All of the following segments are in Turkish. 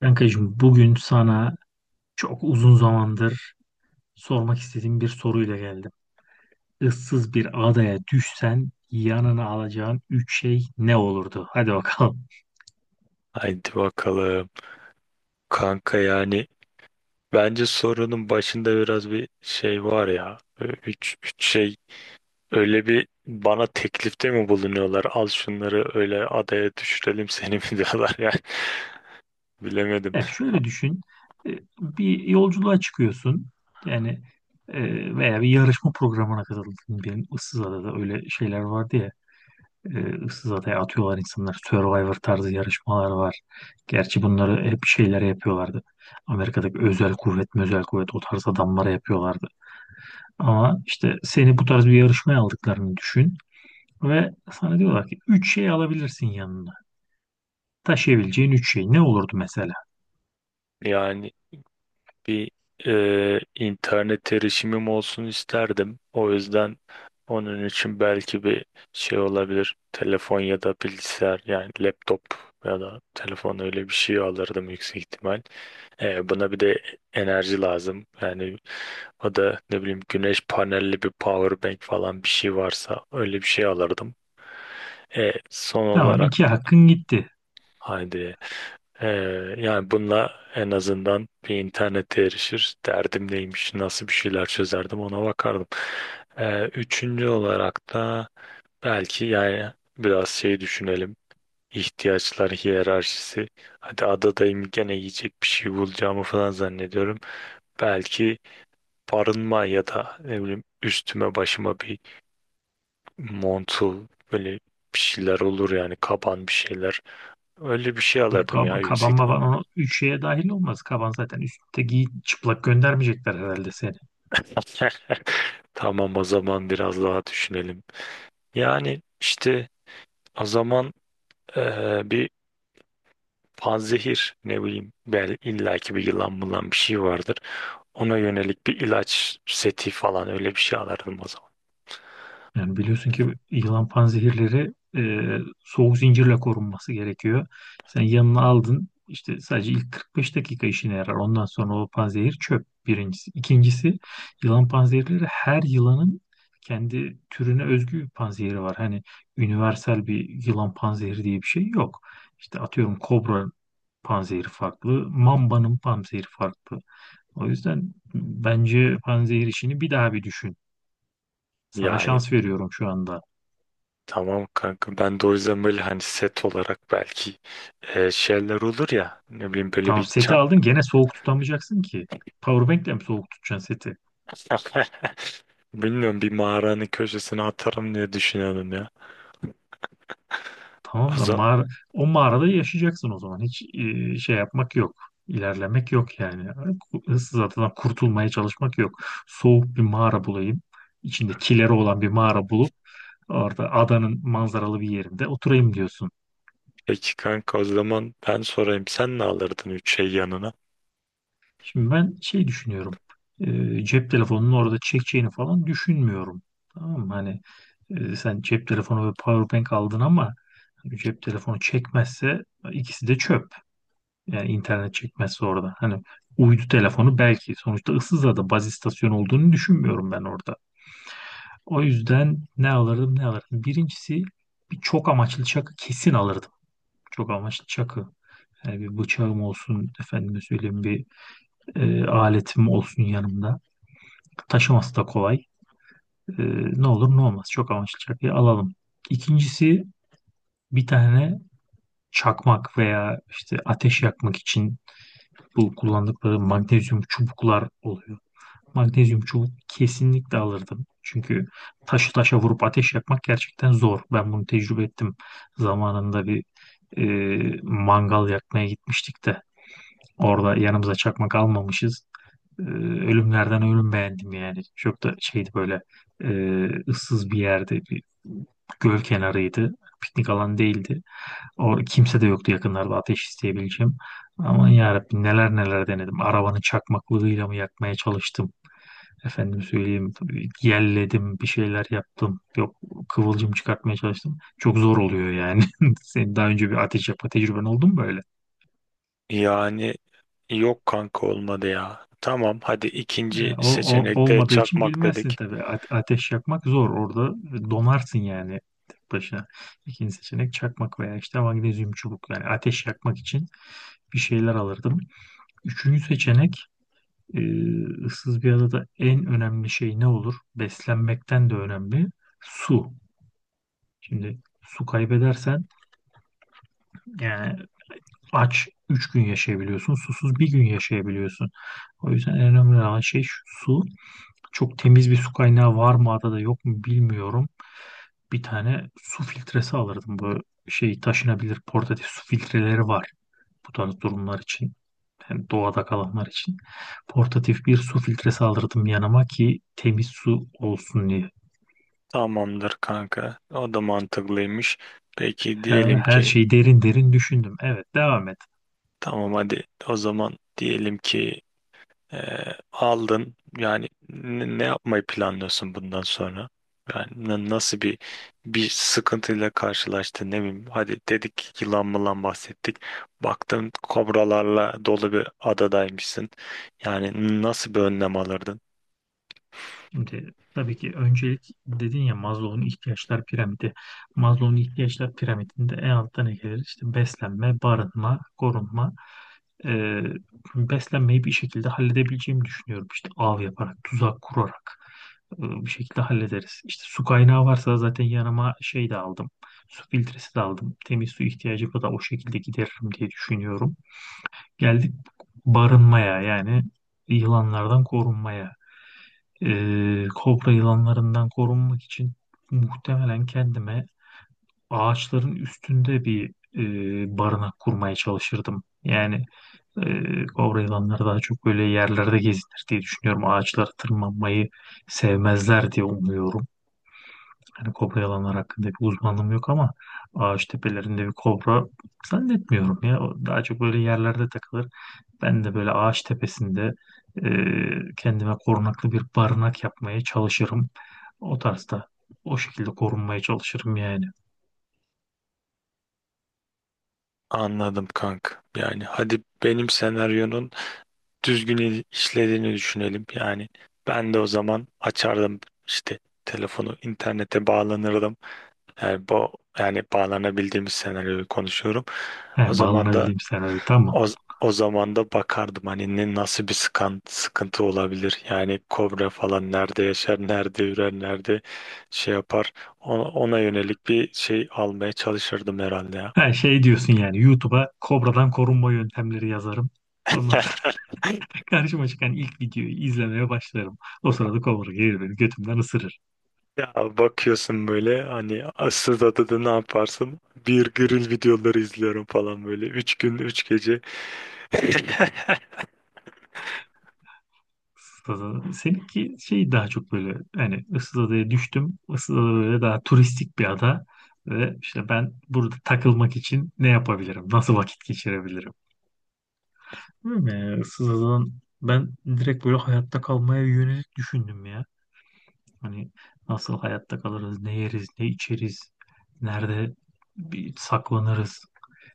Kankacığım bugün sana çok uzun zamandır sormak istediğim bir soruyla geldim. Issız bir adaya düşsen yanına alacağın üç şey ne olurdu? Hadi bakalım. Haydi bakalım. Kanka yani bence sorunun başında biraz bir şey var ya. Üç şey öyle bir bana teklifte mi bulunuyorlar? Al şunları öyle adaya düşürelim seni mi diyorlar yani. Bilemedim. Ya şöyle düşün. E, Bir yolculuğa çıkıyorsun. Yani, veya bir yarışma programına katıldın. Benim ıssız adada öyle şeyler vardı ya. E, ıssız adaya atıyorlar insanlar. Survivor tarzı yarışmalar var. Gerçi bunları hep şeylere yapıyorlardı. Amerika'daki özel kuvvet o tarz adamlara yapıyorlardı. Ama işte seni bu tarz bir yarışmaya aldıklarını düşün ve sana diyorlar ki üç şey alabilirsin yanına. Taşıyabileceğin 3 şey ne olurdu mesela? Yani bir internet erişimim olsun isterdim. O yüzden onun için belki bir şey olabilir. Telefon ya da bilgisayar yani laptop ya da telefon öyle bir şey alırdım yüksek ihtimal. Buna bir de enerji lazım. Yani o da ne bileyim güneş panelli bir power bank falan bir şey varsa öyle bir şey alırdım. Son Tamam, olarak iki hakkın gitti. haydi e, yani bununla en azından bir internete erişir. Derdim neymiş, nasıl bir şeyler çözerdim ona bakardım. Üçüncü olarak da belki yani biraz şey düşünelim. İhtiyaçlar hiyerarşisi. Hadi adadayım gene yiyecek bir şey bulacağımı falan zannediyorum belki barınma ya da ne bileyim üstüme başıma bir montul böyle bir şeyler olur yani kaban bir şeyler. Öyle bir şey Yok, alırdım ya yüksek kaban ihtimal. baban o üç şeye dahil olmaz. Kaban zaten üstte, giy, çıplak göndermeyecekler herhalde seni. Tamam o zaman biraz daha düşünelim. Yani işte o zaman bir panzehir ne bileyim bel illaki bir yılan bulan bir şey vardır. Ona yönelik bir ilaç seti falan öyle bir şey alırdım o zaman. Yani biliyorsun ki yılan panzehirleri soğuk zincirle korunması gerekiyor. Sen yanına aldın, işte sadece ilk 45 dakika işine yarar. Ondan sonra o panzehir çöp, birincisi. İkincisi, yılan panzehirleri, her yılanın kendi türüne özgü bir panzehiri var. Hani universal bir yılan panzehiri diye bir şey yok. İşte atıyorum, kobra panzehiri farklı, mambanın panzehiri farklı. O yüzden bence panzehir işini bir daha bir düşün. Sana Yani şans veriyorum şu anda. tamam kanka ben de o yüzden böyle hani set olarak belki şeyler olur ya ne bileyim böyle Tamam, bir seti çan aldın, gene soğuk tutamayacaksın ki. Powerbank'le mi soğuk tutacaksın seti? bilmiyorum bir mağaranın köşesine atarım diye düşünüyorum ya. Tamam O da zaman, mağara, o mağarada yaşayacaksın o zaman. Hiç şey yapmak yok. İlerlemek yok yani. Issız adadan kurtulmaya çalışmak yok. Soğuk bir mağara bulayım. İçinde kileri olan bir mağara bulup orada adanın manzaralı bir yerinde oturayım diyorsun. peki kanka o zaman ben sorayım sen ne alırdın üç şey yanına? Şimdi ben şey düşünüyorum. Cep telefonunun orada çekeceğini falan düşünmüyorum. Tamam mı? Hani sen cep telefonu ve powerbank aldın ama hani cep telefonu çekmezse ikisi de çöp. Yani internet çekmezse orada. Hani uydu telefonu belki, sonuçta Issızada baz istasyonu olduğunu düşünmüyorum ben orada. O yüzden ne alırdım ne alırdım. Birincisi, bir çok amaçlı çakı kesin alırdım. Çok amaçlı çakı. Yani bir bıçağım olsun, efendime söyleyeyim bir aletim olsun yanımda. Taşıması da kolay. Ee, ne olur ne olmaz. Çok amaçlı çakıyı alalım. İkincisi, bir tane çakmak veya işte ateş yakmak için bu kullandıkları magnezyum çubuklar oluyor. Magnezyum çubuk kesinlikle alırdım. Çünkü taşı taşa vurup ateş yakmak gerçekten zor. Ben bunu tecrübe ettim. Zamanında bir mangal yakmaya gitmiştik de orada yanımıza çakmak almamışız. e, ölümlerden ölüm beğendim yani. Çok da şeydi böyle, ıssız bir yerde, bir göl kenarıydı. Piknik alanı değildi. O kimse de yoktu yakınlarda ateş isteyebileceğim. Aman yarabbim, neler neler denedim. Arabanın çakmaklığıyla mı yakmaya çalıştım. Efendim söyleyeyim, tabii yelledim, bir şeyler yaptım. Yok, kıvılcım çıkartmaya çalıştım. Çok zor oluyor yani. Senin daha önce bir ateş yapma tecrüben oldu mu böyle? Yani yok kanka olmadı ya. Tamam hadi E, ikinci O, o- seçenekte olmadığı için çakmak bilmezsin dedik. tabii. Ateş yakmak zor. Orada donarsın yani, tek başına. İkinci seçenek, çakmak veya işte magnezyum çubuk. Yani ateş yakmak için bir şeyler alırdım. Üçüncü seçenek, e, ıssız bir adada en önemli şey ne olur? Beslenmekten de önemli. Su. Şimdi su kaybedersen yani, aç 3 gün yaşayabiliyorsun. Susuz bir gün yaşayabiliyorsun. O yüzden en önemli olan şey şu, su. Çok temiz bir su kaynağı var mı adada yok mu bilmiyorum. Bir tane su filtresi alırdım. Bu şey, taşınabilir, portatif su filtreleri var. Bu tarz durumlar için. Hem doğada kalanlar için. Portatif bir su filtresi alırdım yanıma ki temiz su olsun diye. Tamamdır kanka. O da mantıklıymış. Peki Her diyelim her ki şeyi derin derin düşündüm. Evet, devam et. tamam hadi o zaman diyelim ki e, aldın yani ne yapmayı planlıyorsun bundan sonra? Yani nasıl bir bir sıkıntıyla karşılaştın ne bileyim hadi dedik yılan mılan bahsettik baktın kobralarla dolu bir adadaymışsın yani nasıl bir önlem alırdın? Şimdi tabii ki öncelik, dedin ya, Maslow'un ihtiyaçlar piramidi. Maslow'un ihtiyaçlar piramidinde en altta ne gelir? İşte beslenme, barınma, korunma. Ee, beslenmeyi bir şekilde halledebileceğimi düşünüyorum. İşte av yaparak, tuzak kurarak bir şekilde hallederiz. İşte su kaynağı varsa zaten, yanıma şey de aldım. Su filtresi de aldım. Temiz su ihtiyacımı da o şekilde gideririm diye düşünüyorum. Geldik barınmaya, yani yılanlardan korunmaya. Kobra yılanlarından korunmak için muhtemelen kendime ağaçların üstünde bir barınak kurmaya çalışırdım. Yani, kobra yılanları daha çok böyle yerlerde gezinir diye düşünüyorum. Ağaçlara tırmanmayı sevmezler diye umuyorum. Hani kobra yılanlar hakkında bir uzmanlığım yok ama ağaç tepelerinde bir kobra zannetmiyorum ya. O daha çok böyle yerlerde takılır. Ben de böyle ağaç tepesinde kendime korunaklı bir barınak yapmaya çalışırım. O tarzda. O şekilde korunmaya çalışırım yani. Anladım kanka yani hadi benim senaryonun düzgün işlediğini düşünelim. Yani ben de o zaman açardım işte telefonu internete bağlanırdım. Yani bu yani bağlanabildiğimiz senaryoyu konuşuyorum. O He, zaman da bağlanabildiğim senaryo tamam. o, o zaman da bakardım hani ne nasıl bir sıkıntı olabilir. Yani kobra falan nerede yaşar, nerede ürer, nerede şey yapar. Ona yönelik bir şey almaya çalışırdım herhalde ya. Ha, şey diyorsun yani, YouTube'a kobradan korunma yöntemleri yazarım. Ondan sonra karşıma çıkan ilk videoyu izlemeye başlarım. O sırada kobra gelir beni götümden ısırır. Ya bakıyorsun böyle hani asıl adı da ne yaparsın? Bir grill videoları izliyorum falan böyle. Üç gün, üç gece. Seninki şey daha çok böyle, hani ıssız adaya düştüm. Issız ada böyle daha turistik bir ada. Ve işte ben burada takılmak için ne yapabilirim? Nasıl vakit geçirebilirim? Değil mi? Issız adadan ben direkt böyle hayatta kalmaya yönelik düşündüm ya. Hani nasıl hayatta kalırız, ne yeriz, ne içeriz, nerede bir saklanırız.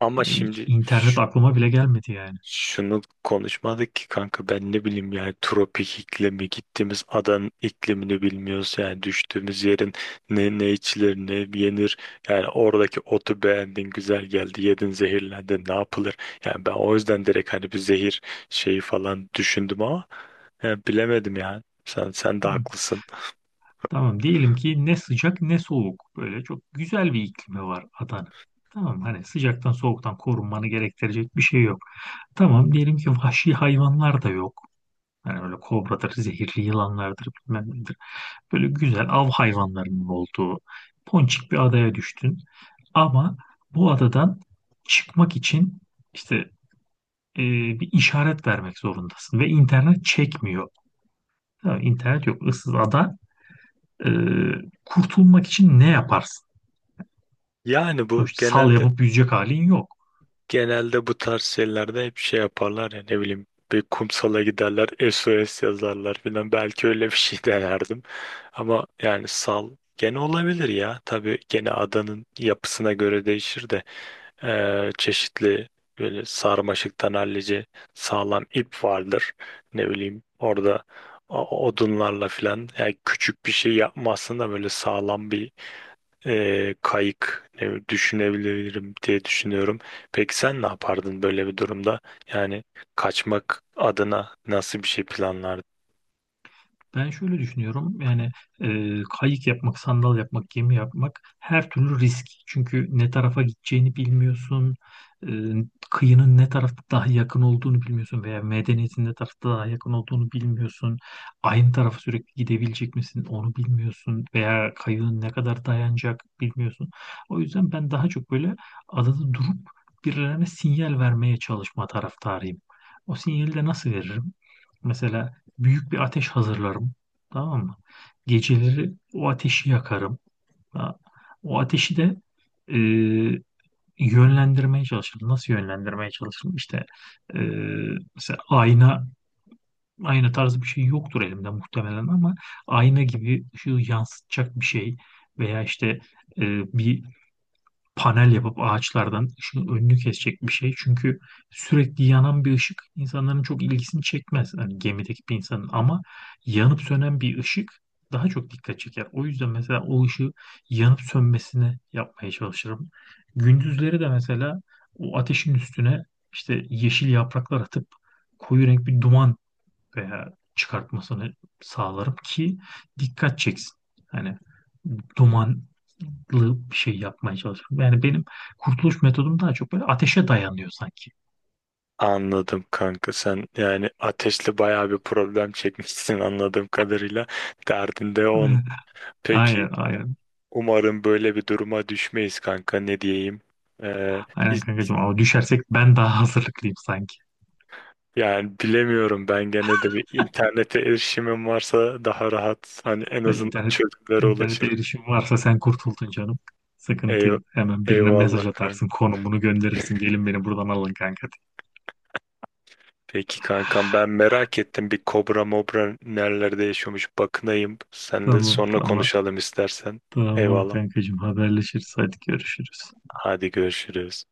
Ama Yani hiç şimdi internet aklıma bile gelmedi yani. şunu konuşmadık ki kanka ben ne bileyim yani tropik iklimi gittiğimiz adanın iklimini bilmiyoruz yani düştüğümüz yerin ne ne içilir ne yenir yani oradaki otu beğendin güzel geldi yedin zehirlendin ne yapılır yani ben o yüzden direkt hani bir zehir şeyi falan düşündüm ama ya bilemedim yani. Sen de Hı. haklısın. Tamam, diyelim ki ne sıcak ne soğuk. Böyle çok güzel bir iklimi var adanın. Tamam, hani sıcaktan soğuktan korunmanı gerektirecek bir şey yok. Tamam, diyelim ki vahşi hayvanlar da yok. Hani öyle kobradır, zehirli yılanlardır, bilmem nedir. Böyle güzel av hayvanlarının olduğu ponçik bir adaya düştün. Ama bu adadan çıkmak için işte e, bir işaret vermek zorundasın ve internet çekmiyor. Tamam, internet yok, ıssız ada. E, kurtulmak için ne yaparsın? Yani bu Sonuçta sal genelde yapıp yüzecek halin yok. genelde bu tarz şeylerde hep şey yaparlar ya ne bileyim bir kumsala giderler SOS yazarlar filan belki öyle bir şey denerdim. Ama yani sal gene olabilir ya. Tabii gene adanın yapısına göre değişir de çeşitli böyle sarmaşıktan hallice sağlam ip vardır. Ne bileyim orada odunlarla filan yani küçük bir şey yapmazsın da böyle sağlam bir kayık düşünebilirim diye düşünüyorum. Peki sen ne yapardın böyle bir durumda? Yani kaçmak adına nasıl bir şey planlardın? Ben şöyle düşünüyorum yani, kayık yapmak, sandal yapmak, gemi yapmak, her türlü risk. Çünkü ne tarafa gideceğini bilmiyorsun, e, kıyının ne tarafta daha yakın olduğunu bilmiyorsun veya medeniyetin ne tarafta daha yakın olduğunu bilmiyorsun. Aynı tarafa sürekli gidebilecek misin onu bilmiyorsun veya kayığın ne kadar dayanacak bilmiyorsun. O yüzden ben daha çok böyle adada durup birilerine sinyal vermeye çalışma taraftarıyım. O sinyali de nasıl veririm? Mesela büyük bir ateş hazırlarım. Tamam mı? Geceleri o ateşi yakarım. Ha, o ateşi de e, yönlendirmeye çalışırım. Nasıl yönlendirmeye çalışırım? İşte, e, mesela ayna tarzı bir şey yoktur elimde muhtemelen ama ayna gibi şu yansıtacak bir şey veya işte e, bir panel yapıp ağaçlardan ışığın önünü kesecek bir şey. Çünkü sürekli yanan bir ışık insanların çok ilgisini çekmez, hani gemideki bir insanın, ama yanıp sönen bir ışık daha çok dikkat çeker. O yüzden mesela o ışığı yanıp sönmesini yapmaya çalışırım. Gündüzleri de mesela o ateşin üstüne işte yeşil yapraklar atıp koyu renk bir duman veya çıkartmasını sağlarım ki dikkat çeksin. Hani dumanlı bir şey yapmaya çalışıyorum. Yani benim kurtuluş metodum daha çok böyle ateşe dayanıyor sanki. Anladım kanka sen yani ateşle bayağı bir problem çekmişsin anladığım kadarıyla. Derdin de on. Aynen, Peki aynen, aynen. umarım böyle bir duruma düşmeyiz kanka ne diyeyim. Ee, Aynen hiç- kankacığım, ama düşersek ben daha hazırlıklıyım sanki. yani bilemiyorum ben gene de bir internete erişimim varsa daha rahat hani en Ya azından internet, çözümlere internete ulaşırım. erişim varsa sen kurtuldun canım. Sıkıntı Eyv- yok. Hemen birine eyvallah mesaj kanka. atarsın, konumunu gönderirsin. Gelin beni buradan alın kanka, diye. Peki kankam ben merak ettim bir kobra mobra nerelerde yaşıyormuş bakınayım. Sen de Tamam, sonra tamam. konuşalım istersen. Tamam Eyvallah. kankacığım, haberleşiriz. Hadi görüşürüz. Hadi görüşürüz.